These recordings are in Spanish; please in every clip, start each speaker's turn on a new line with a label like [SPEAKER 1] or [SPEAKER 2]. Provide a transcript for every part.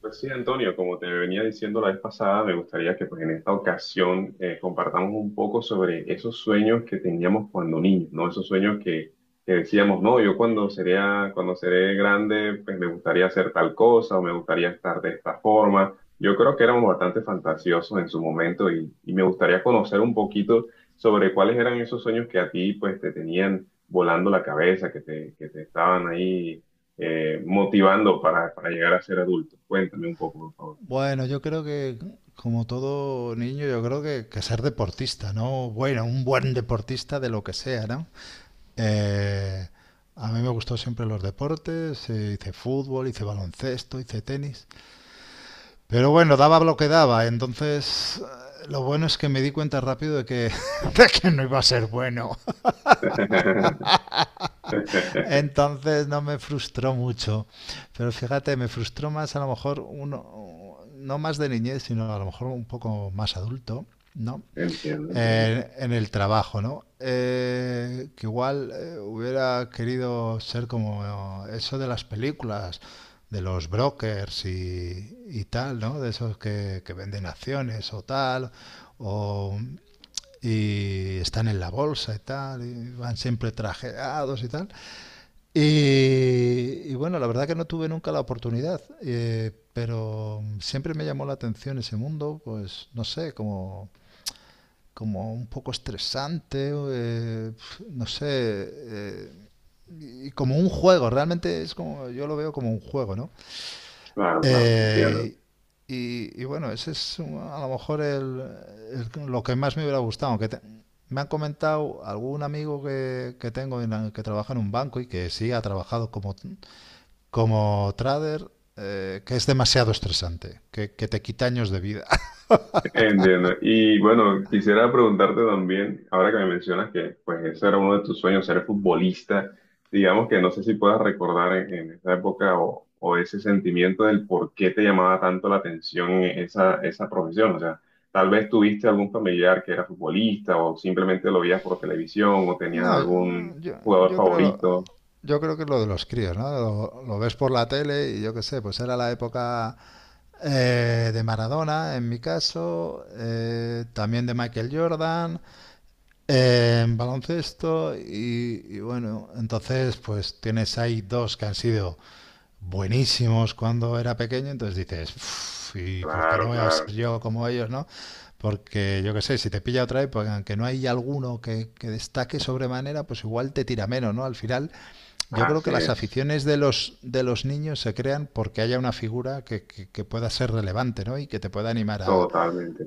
[SPEAKER 1] Pues sí, Antonio, como te venía diciendo la vez pasada, me gustaría que pues, en esta ocasión compartamos un poco sobre esos sueños que teníamos cuando niños, ¿no? Esos sueños que decíamos, no, yo cuando sería, cuando seré grande, pues me gustaría hacer tal cosa o me gustaría estar de esta forma. Yo creo que éramos bastante fantasiosos en su momento y me gustaría conocer un poquito sobre cuáles eran esos sueños que a ti pues te tenían volando la cabeza, que te estaban ahí motivando para llegar a ser adulto. Cuéntame un poco, por favor.
[SPEAKER 2] Bueno, yo creo que, como todo niño, yo creo que ser deportista, ¿no? Bueno, un buen deportista de lo que sea, ¿no? Eh, a mí me gustó siempre los deportes, hice fútbol, hice baloncesto, hice tenis, pero bueno, daba lo que daba, entonces lo bueno es que me di cuenta rápido de que, de que no iba a ser bueno, entonces no me frustró mucho, pero fíjate, me frustró más a lo mejor uno, no más de niñez, sino a lo mejor un poco más adulto, ¿no?
[SPEAKER 1] Entiendo, entiendo.
[SPEAKER 2] En el trabajo, ¿no? Que igual hubiera querido ser como eso de las películas, de los brokers y tal, ¿no? De esos que venden acciones o tal, o, y están en la bolsa y tal, y van siempre trajeados y tal. Y, y bueno, la verdad que no tuve nunca la oportunidad, pero siempre me llamó la atención ese mundo, pues no sé, como un poco estresante, no sé, y como un juego, realmente es como, yo lo veo como un juego, ¿no?
[SPEAKER 1] Claro, claro, entiendo.
[SPEAKER 2] Eh, y bueno, ese es a lo mejor el, lo que más me hubiera gustado, aunque me han comentado algún amigo que tengo en que trabaja en un banco y que sí ha trabajado como, como trader, que es demasiado estresante, que te quita años de vida.
[SPEAKER 1] Entiendo. Y bueno, quisiera preguntarte también, ahora que me mencionas que pues ese era uno de tus sueños, ser futbolista, digamos que no sé si puedas recordar en esa época o ese sentimiento del por qué te llamaba tanto la atención esa, esa profesión. O sea, tal vez tuviste algún familiar que era futbolista o simplemente lo veías por televisión o tenías
[SPEAKER 2] No,
[SPEAKER 1] algún
[SPEAKER 2] yo, yo,
[SPEAKER 1] jugador
[SPEAKER 2] creo lo,
[SPEAKER 1] favorito.
[SPEAKER 2] yo creo que es lo de los críos, ¿no? Lo ves por la tele y yo qué sé, pues era la época de Maradona, en mi caso, también de Michael Jordan, en baloncesto y bueno, entonces pues tienes ahí dos que han sido buenísimos cuando era pequeño, entonces dices, "Uf, ¿y por qué no
[SPEAKER 1] Claro,
[SPEAKER 2] voy a
[SPEAKER 1] claro,
[SPEAKER 2] ser yo como ellos, no? Porque yo qué sé, si te pilla otra época, aunque no hay alguno que destaque sobremanera, pues igual te tira menos, ¿no? Al final, yo creo
[SPEAKER 1] así
[SPEAKER 2] que las
[SPEAKER 1] es,
[SPEAKER 2] aficiones de los niños se crean porque haya una figura que, que pueda ser relevante, ¿no? Y que te pueda animar
[SPEAKER 1] totalmente.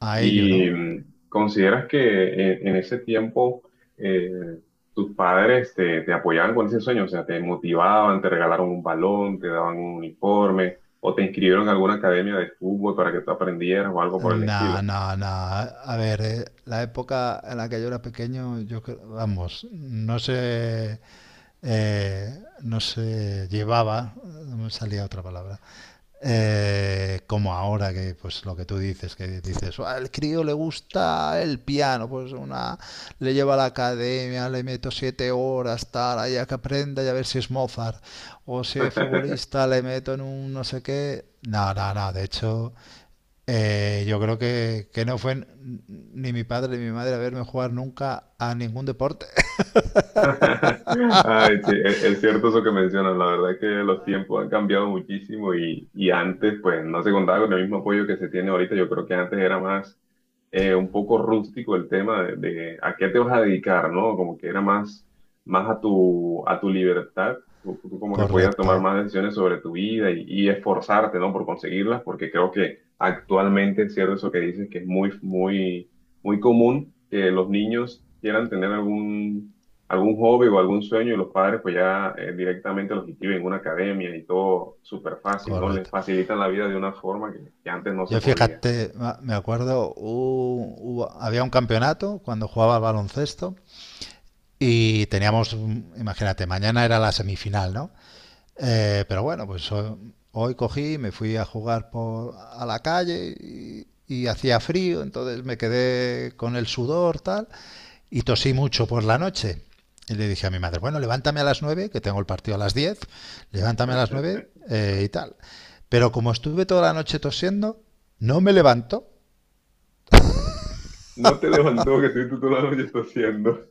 [SPEAKER 2] a ello,
[SPEAKER 1] ¿Y
[SPEAKER 2] ¿no?
[SPEAKER 1] mm, consideras que en ese tiempo eh, tus padres te apoyaban con ese sueño? O sea, te motivaban, te regalaron un balón, te daban un uniforme o te inscribieron en alguna academia de fútbol para que tú aprendieras o algo por el
[SPEAKER 2] Nah,
[SPEAKER 1] estilo.
[SPEAKER 2] nah, nah. A ver, la época en la que yo era pequeño, yo vamos, no se, no se llevaba, no me salía otra palabra, como ahora que, pues lo que tú dices, que dices, "Ah, al crío le gusta el piano, pues una, le lleva a la academia, le meto 7 horas, tal, ahí a que aprenda y a ver si es Mozart, o si es futbolista, le meto en un no sé qué. No, no, no, de hecho. Yo creo que no fue ni mi padre ni mi madre a verme jugar nunca a ningún deporte.
[SPEAKER 1] Ay, sí, e- es cierto eso que mencionas. La verdad es que los tiempos han cambiado muchísimo y antes, pues, no se contaba con el mismo apoyo que se tiene ahorita. Yo creo que antes era más un poco rústico el tema de a qué te vas a dedicar, ¿no? Como que era más, más a tu libertad. Tú como que podías
[SPEAKER 2] Correcto,
[SPEAKER 1] tomar más decisiones sobre tu vida y esforzarte, ¿no? Por conseguirlas, porque creo que actualmente es cierto eso que dices, que es muy, muy, muy común que los niños quieran tener algún hobby o algún sueño y los padres pues ya directamente los inscriben en una academia y todo súper fácil, ¿no? Les
[SPEAKER 2] correcto.
[SPEAKER 1] facilitan la vida de una forma que antes no se
[SPEAKER 2] Yo
[SPEAKER 1] podía.
[SPEAKER 2] fíjate, me acuerdo, había un campeonato cuando jugaba al baloncesto y teníamos, imagínate, mañana era la semifinal, ¿no? Pero bueno, pues hoy cogí, y me fui a jugar por, a la calle y hacía frío, entonces me quedé con el sudor, tal, y tosí mucho por la noche. Y le dije a mi madre, bueno, levántame a las 9 que tengo el partido a las 10 levántame a las 9 y tal. Pero como estuve toda la noche tosiendo, no me levanto.
[SPEAKER 1] No te levantó que estoy toda la noche está haciendo.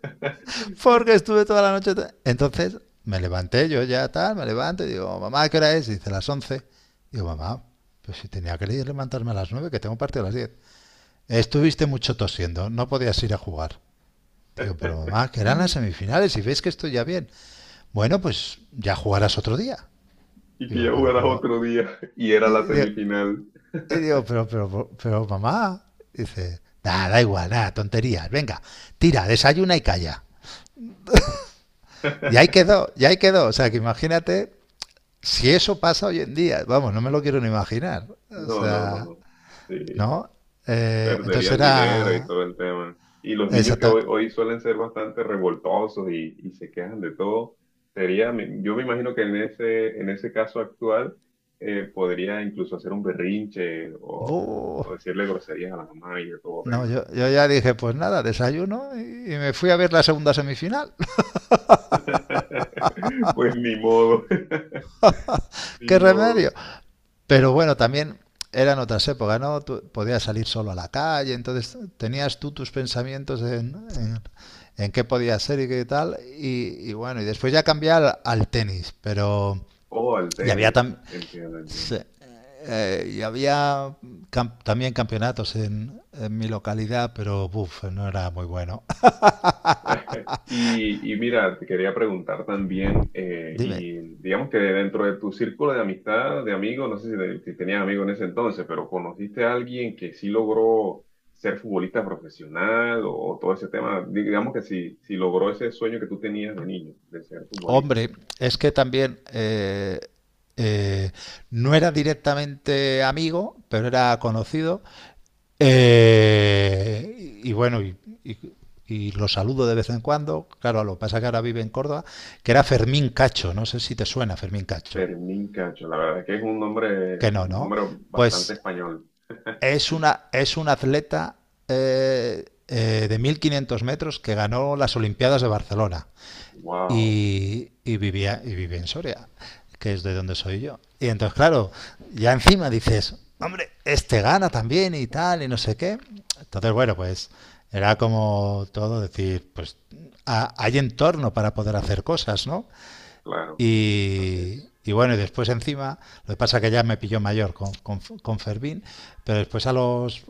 [SPEAKER 2] Porque estuve toda la noche. Entonces me levanté, yo ya tal, me levanto y digo, mamá, ¿qué hora es? Y dice, las 11. Digo, mamá, pues si tenía que ir levantarme a las 9 que tengo partido a las 10. Estuviste mucho tosiendo, no podías ir a jugar. Digo, pero mamá, que eran las semifinales y ves que estoy ya bien. Bueno, pues ya jugarás otro día.
[SPEAKER 1] Y que ya
[SPEAKER 2] Digo, pero,
[SPEAKER 1] jugarás
[SPEAKER 2] pero.
[SPEAKER 1] otro día y era
[SPEAKER 2] y
[SPEAKER 1] la
[SPEAKER 2] digo,
[SPEAKER 1] semifinal.
[SPEAKER 2] y digo, pero, mamá. Dice, nada, da igual, nada, tonterías. Venga, tira, desayuna y calla. Y ahí quedó, y ahí quedó. O sea, que imagínate. Si eso pasa hoy en día, vamos, no me lo quiero ni imaginar. O
[SPEAKER 1] No, no,
[SPEAKER 2] sea,
[SPEAKER 1] no. Sí,
[SPEAKER 2] ¿no? Entonces
[SPEAKER 1] perderían dinero y
[SPEAKER 2] era
[SPEAKER 1] todo el tema. Y los niños que hoy,
[SPEAKER 2] exactamente...
[SPEAKER 1] hoy suelen ser bastante revoltosos y se quejan de todo, sería, mi- yo me imagino que en ese caso actual podría incluso hacer un berrinche
[SPEAKER 2] ¡Buh!
[SPEAKER 1] o- decirle groserías a la mamá y de todo
[SPEAKER 2] No,
[SPEAKER 1] tema.
[SPEAKER 2] yo ya dije, pues nada, desayuno y me fui a ver la segunda semifinal.
[SPEAKER 1] Pues ni modo, ni
[SPEAKER 2] ¡Qué
[SPEAKER 1] modo.
[SPEAKER 2] remedio! Pero bueno, también eran otras épocas, ¿no? Tú podías salir solo a la calle, entonces tenías tú tus pensamientos en, en qué podía ser y qué tal. Y bueno, y después ya cambié al, al tenis, pero...
[SPEAKER 1] O al
[SPEAKER 2] Y había
[SPEAKER 1] tenis,
[SPEAKER 2] tam
[SPEAKER 1] entiendo,
[SPEAKER 2] Sí.
[SPEAKER 1] entiendo.
[SPEAKER 2] Y había también campeonatos en mi localidad, pero buf, no era muy bueno.
[SPEAKER 1] Y mira, te quería preguntar también,
[SPEAKER 2] Dime,
[SPEAKER 1] y digamos que dentro de tu círculo de amistad, de amigos, no sé si, te- si tenías amigos en ese entonces, pero ¿conociste a alguien que sí logró ser futbolista profesional o todo ese tema? Digamos que sí, sí logró ese sueño que tú tenías de niño, de ser futbolista.
[SPEAKER 2] hombre, es que también eh, no era directamente amigo, pero era conocido. Y bueno, y, y- y lo saludo de vez en cuando. Claro, lo que pasa es que ahora vive en Córdoba, que era Fermín Cacho. No sé si te suena Fermín Cacho.
[SPEAKER 1] Fermín Cacho, la verdad es que es
[SPEAKER 2] Que no,
[SPEAKER 1] un
[SPEAKER 2] ¿no?
[SPEAKER 1] nombre bastante
[SPEAKER 2] Pues
[SPEAKER 1] español.
[SPEAKER 2] es, una, es un atleta de 1500 metros que ganó las Olimpiadas de Barcelona
[SPEAKER 1] Wow,
[SPEAKER 2] y vivía, y vive en Soria, que es de donde soy yo. Y entonces, claro, ya encima dices, hombre, este gana también y tal, y no sé qué. Entonces, bueno, pues era como todo decir, pues hay entorno para poder hacer cosas, ¿no?
[SPEAKER 1] claro, así es.
[SPEAKER 2] Y bueno, y después encima, lo que pasa es que ya me pilló mayor con Fermín, pero después a los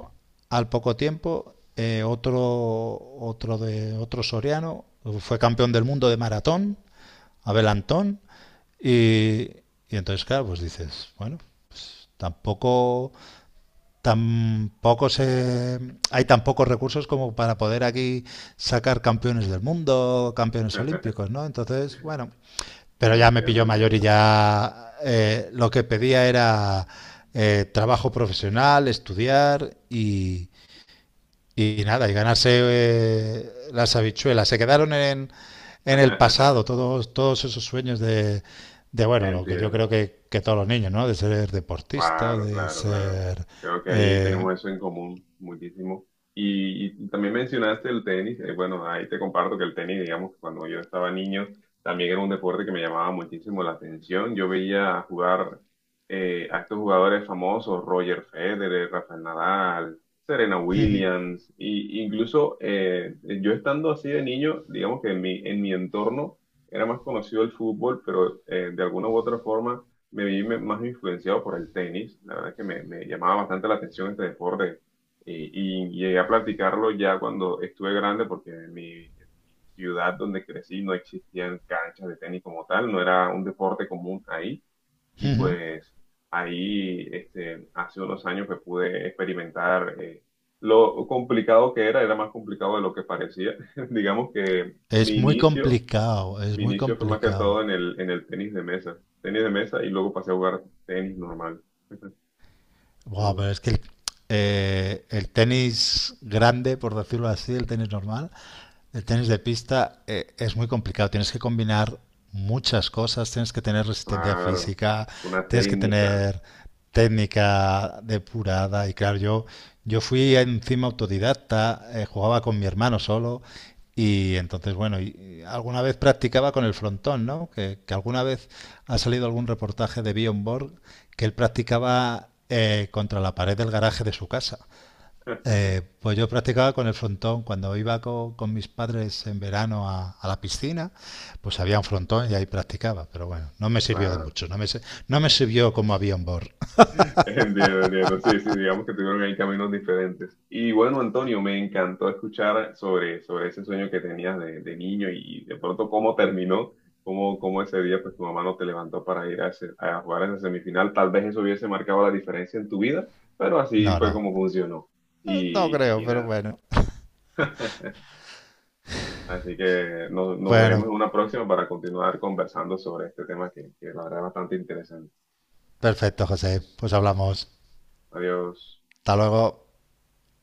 [SPEAKER 2] al poco tiempo, otro, otro de otro soriano fue campeón del mundo de maratón, Abel Antón, y, y entonces claro, pues dices, bueno, pues tampoco se hay tan pocos recursos como para poder aquí sacar campeones del mundo, campeones olímpicos, ¿no? Entonces, bueno, pero ya me
[SPEAKER 1] Entiendo,
[SPEAKER 2] pilló mayor y
[SPEAKER 1] entiendo.
[SPEAKER 2] ya lo que pedía era trabajo profesional, estudiar y nada, y ganarse las habichuelas. Se quedaron en el pasado todos, todos esos sueños de, bueno, lo que yo
[SPEAKER 1] Entiendo.
[SPEAKER 2] creo que todos los niños, ¿no? De ser deportista,
[SPEAKER 1] Claro,
[SPEAKER 2] de
[SPEAKER 1] claro, claro.
[SPEAKER 2] ser...
[SPEAKER 1] Creo que ahí
[SPEAKER 2] eh,
[SPEAKER 1] tenemos eso en común muchísimo. Y también mencionaste el tenis. Eh, bueno, ahí te comparto que el tenis, digamos, que cuando yo estaba niño, también era un deporte que me llamaba muchísimo la atención. Yo veía jugar a estos jugadores famosos, Roger Federer, Rafael Nadal, Serena Williams, y incluso yo estando así de niño, digamos que en mi entorno era más conocido el fútbol, pero de alguna u otra forma me vi me- más influenciado por el tenis. La verdad es que me llamaba bastante la atención este deporte y llegué a practicarlo ya cuando estuve grande porque en mi ciudad donde crecí no existían canchas de tenis como tal, no era un deporte común ahí y pues ahí este, hace unos años que pude experimentar lo complicado que era, era más complicado de lo que parecía. Digamos que
[SPEAKER 2] es muy complicado, es
[SPEAKER 1] mi
[SPEAKER 2] muy
[SPEAKER 1] inicio fue más que todo
[SPEAKER 2] complicado.
[SPEAKER 1] en el tenis de mesa. Tenis de mesa y luego pasé a jugar tenis normal.
[SPEAKER 2] Wow,
[SPEAKER 1] Sí,
[SPEAKER 2] pero es que el tenis grande, por decirlo así, el tenis normal, el tenis de pista es muy complicado, tienes que combinar muchas cosas, tienes que tener resistencia
[SPEAKER 1] claro.
[SPEAKER 2] física,
[SPEAKER 1] Una
[SPEAKER 2] tienes que
[SPEAKER 1] técnica.
[SPEAKER 2] tener técnica depurada y claro, yo fui encima autodidacta, jugaba con mi hermano solo y entonces, bueno, y alguna vez practicaba con el frontón, ¿no? Que alguna vez ha salido algún reportaje de Bjorn Borg que él practicaba contra la pared del garaje de su casa. Pues yo practicaba con el frontón. Cuando iba con, mis padres en verano a la piscina, pues había un frontón y ahí practicaba. Pero bueno, no me sirvió de
[SPEAKER 1] Claro.
[SPEAKER 2] mucho. No me, no me sirvió como avión board.
[SPEAKER 1] Entiendo, entiendo. Sí, sí, digamos que tuvieron ahí caminos diferentes. Y bueno, Antonio, me encantó escuchar sobre, sobre ese sueño que tenías de niño y de pronto cómo terminó, cómo, cómo ese día pues tu mamá no te levantó para ir a, ese- a jugar esa semifinal. Tal vez eso hubiese marcado la diferencia en tu vida, pero así
[SPEAKER 2] No,
[SPEAKER 1] fue
[SPEAKER 2] no.
[SPEAKER 1] como funcionó.
[SPEAKER 2] No
[SPEAKER 1] Y,
[SPEAKER 2] creo,
[SPEAKER 1] y
[SPEAKER 2] pero
[SPEAKER 1] nada.
[SPEAKER 2] bueno.
[SPEAKER 1] Así que nos, nos veremos
[SPEAKER 2] Bueno,
[SPEAKER 1] en una próxima para continuar conversando sobre este tema que la verdad es bastante interesante.
[SPEAKER 2] perfecto, José. Pues hablamos.
[SPEAKER 1] Adiós.
[SPEAKER 2] Hasta luego.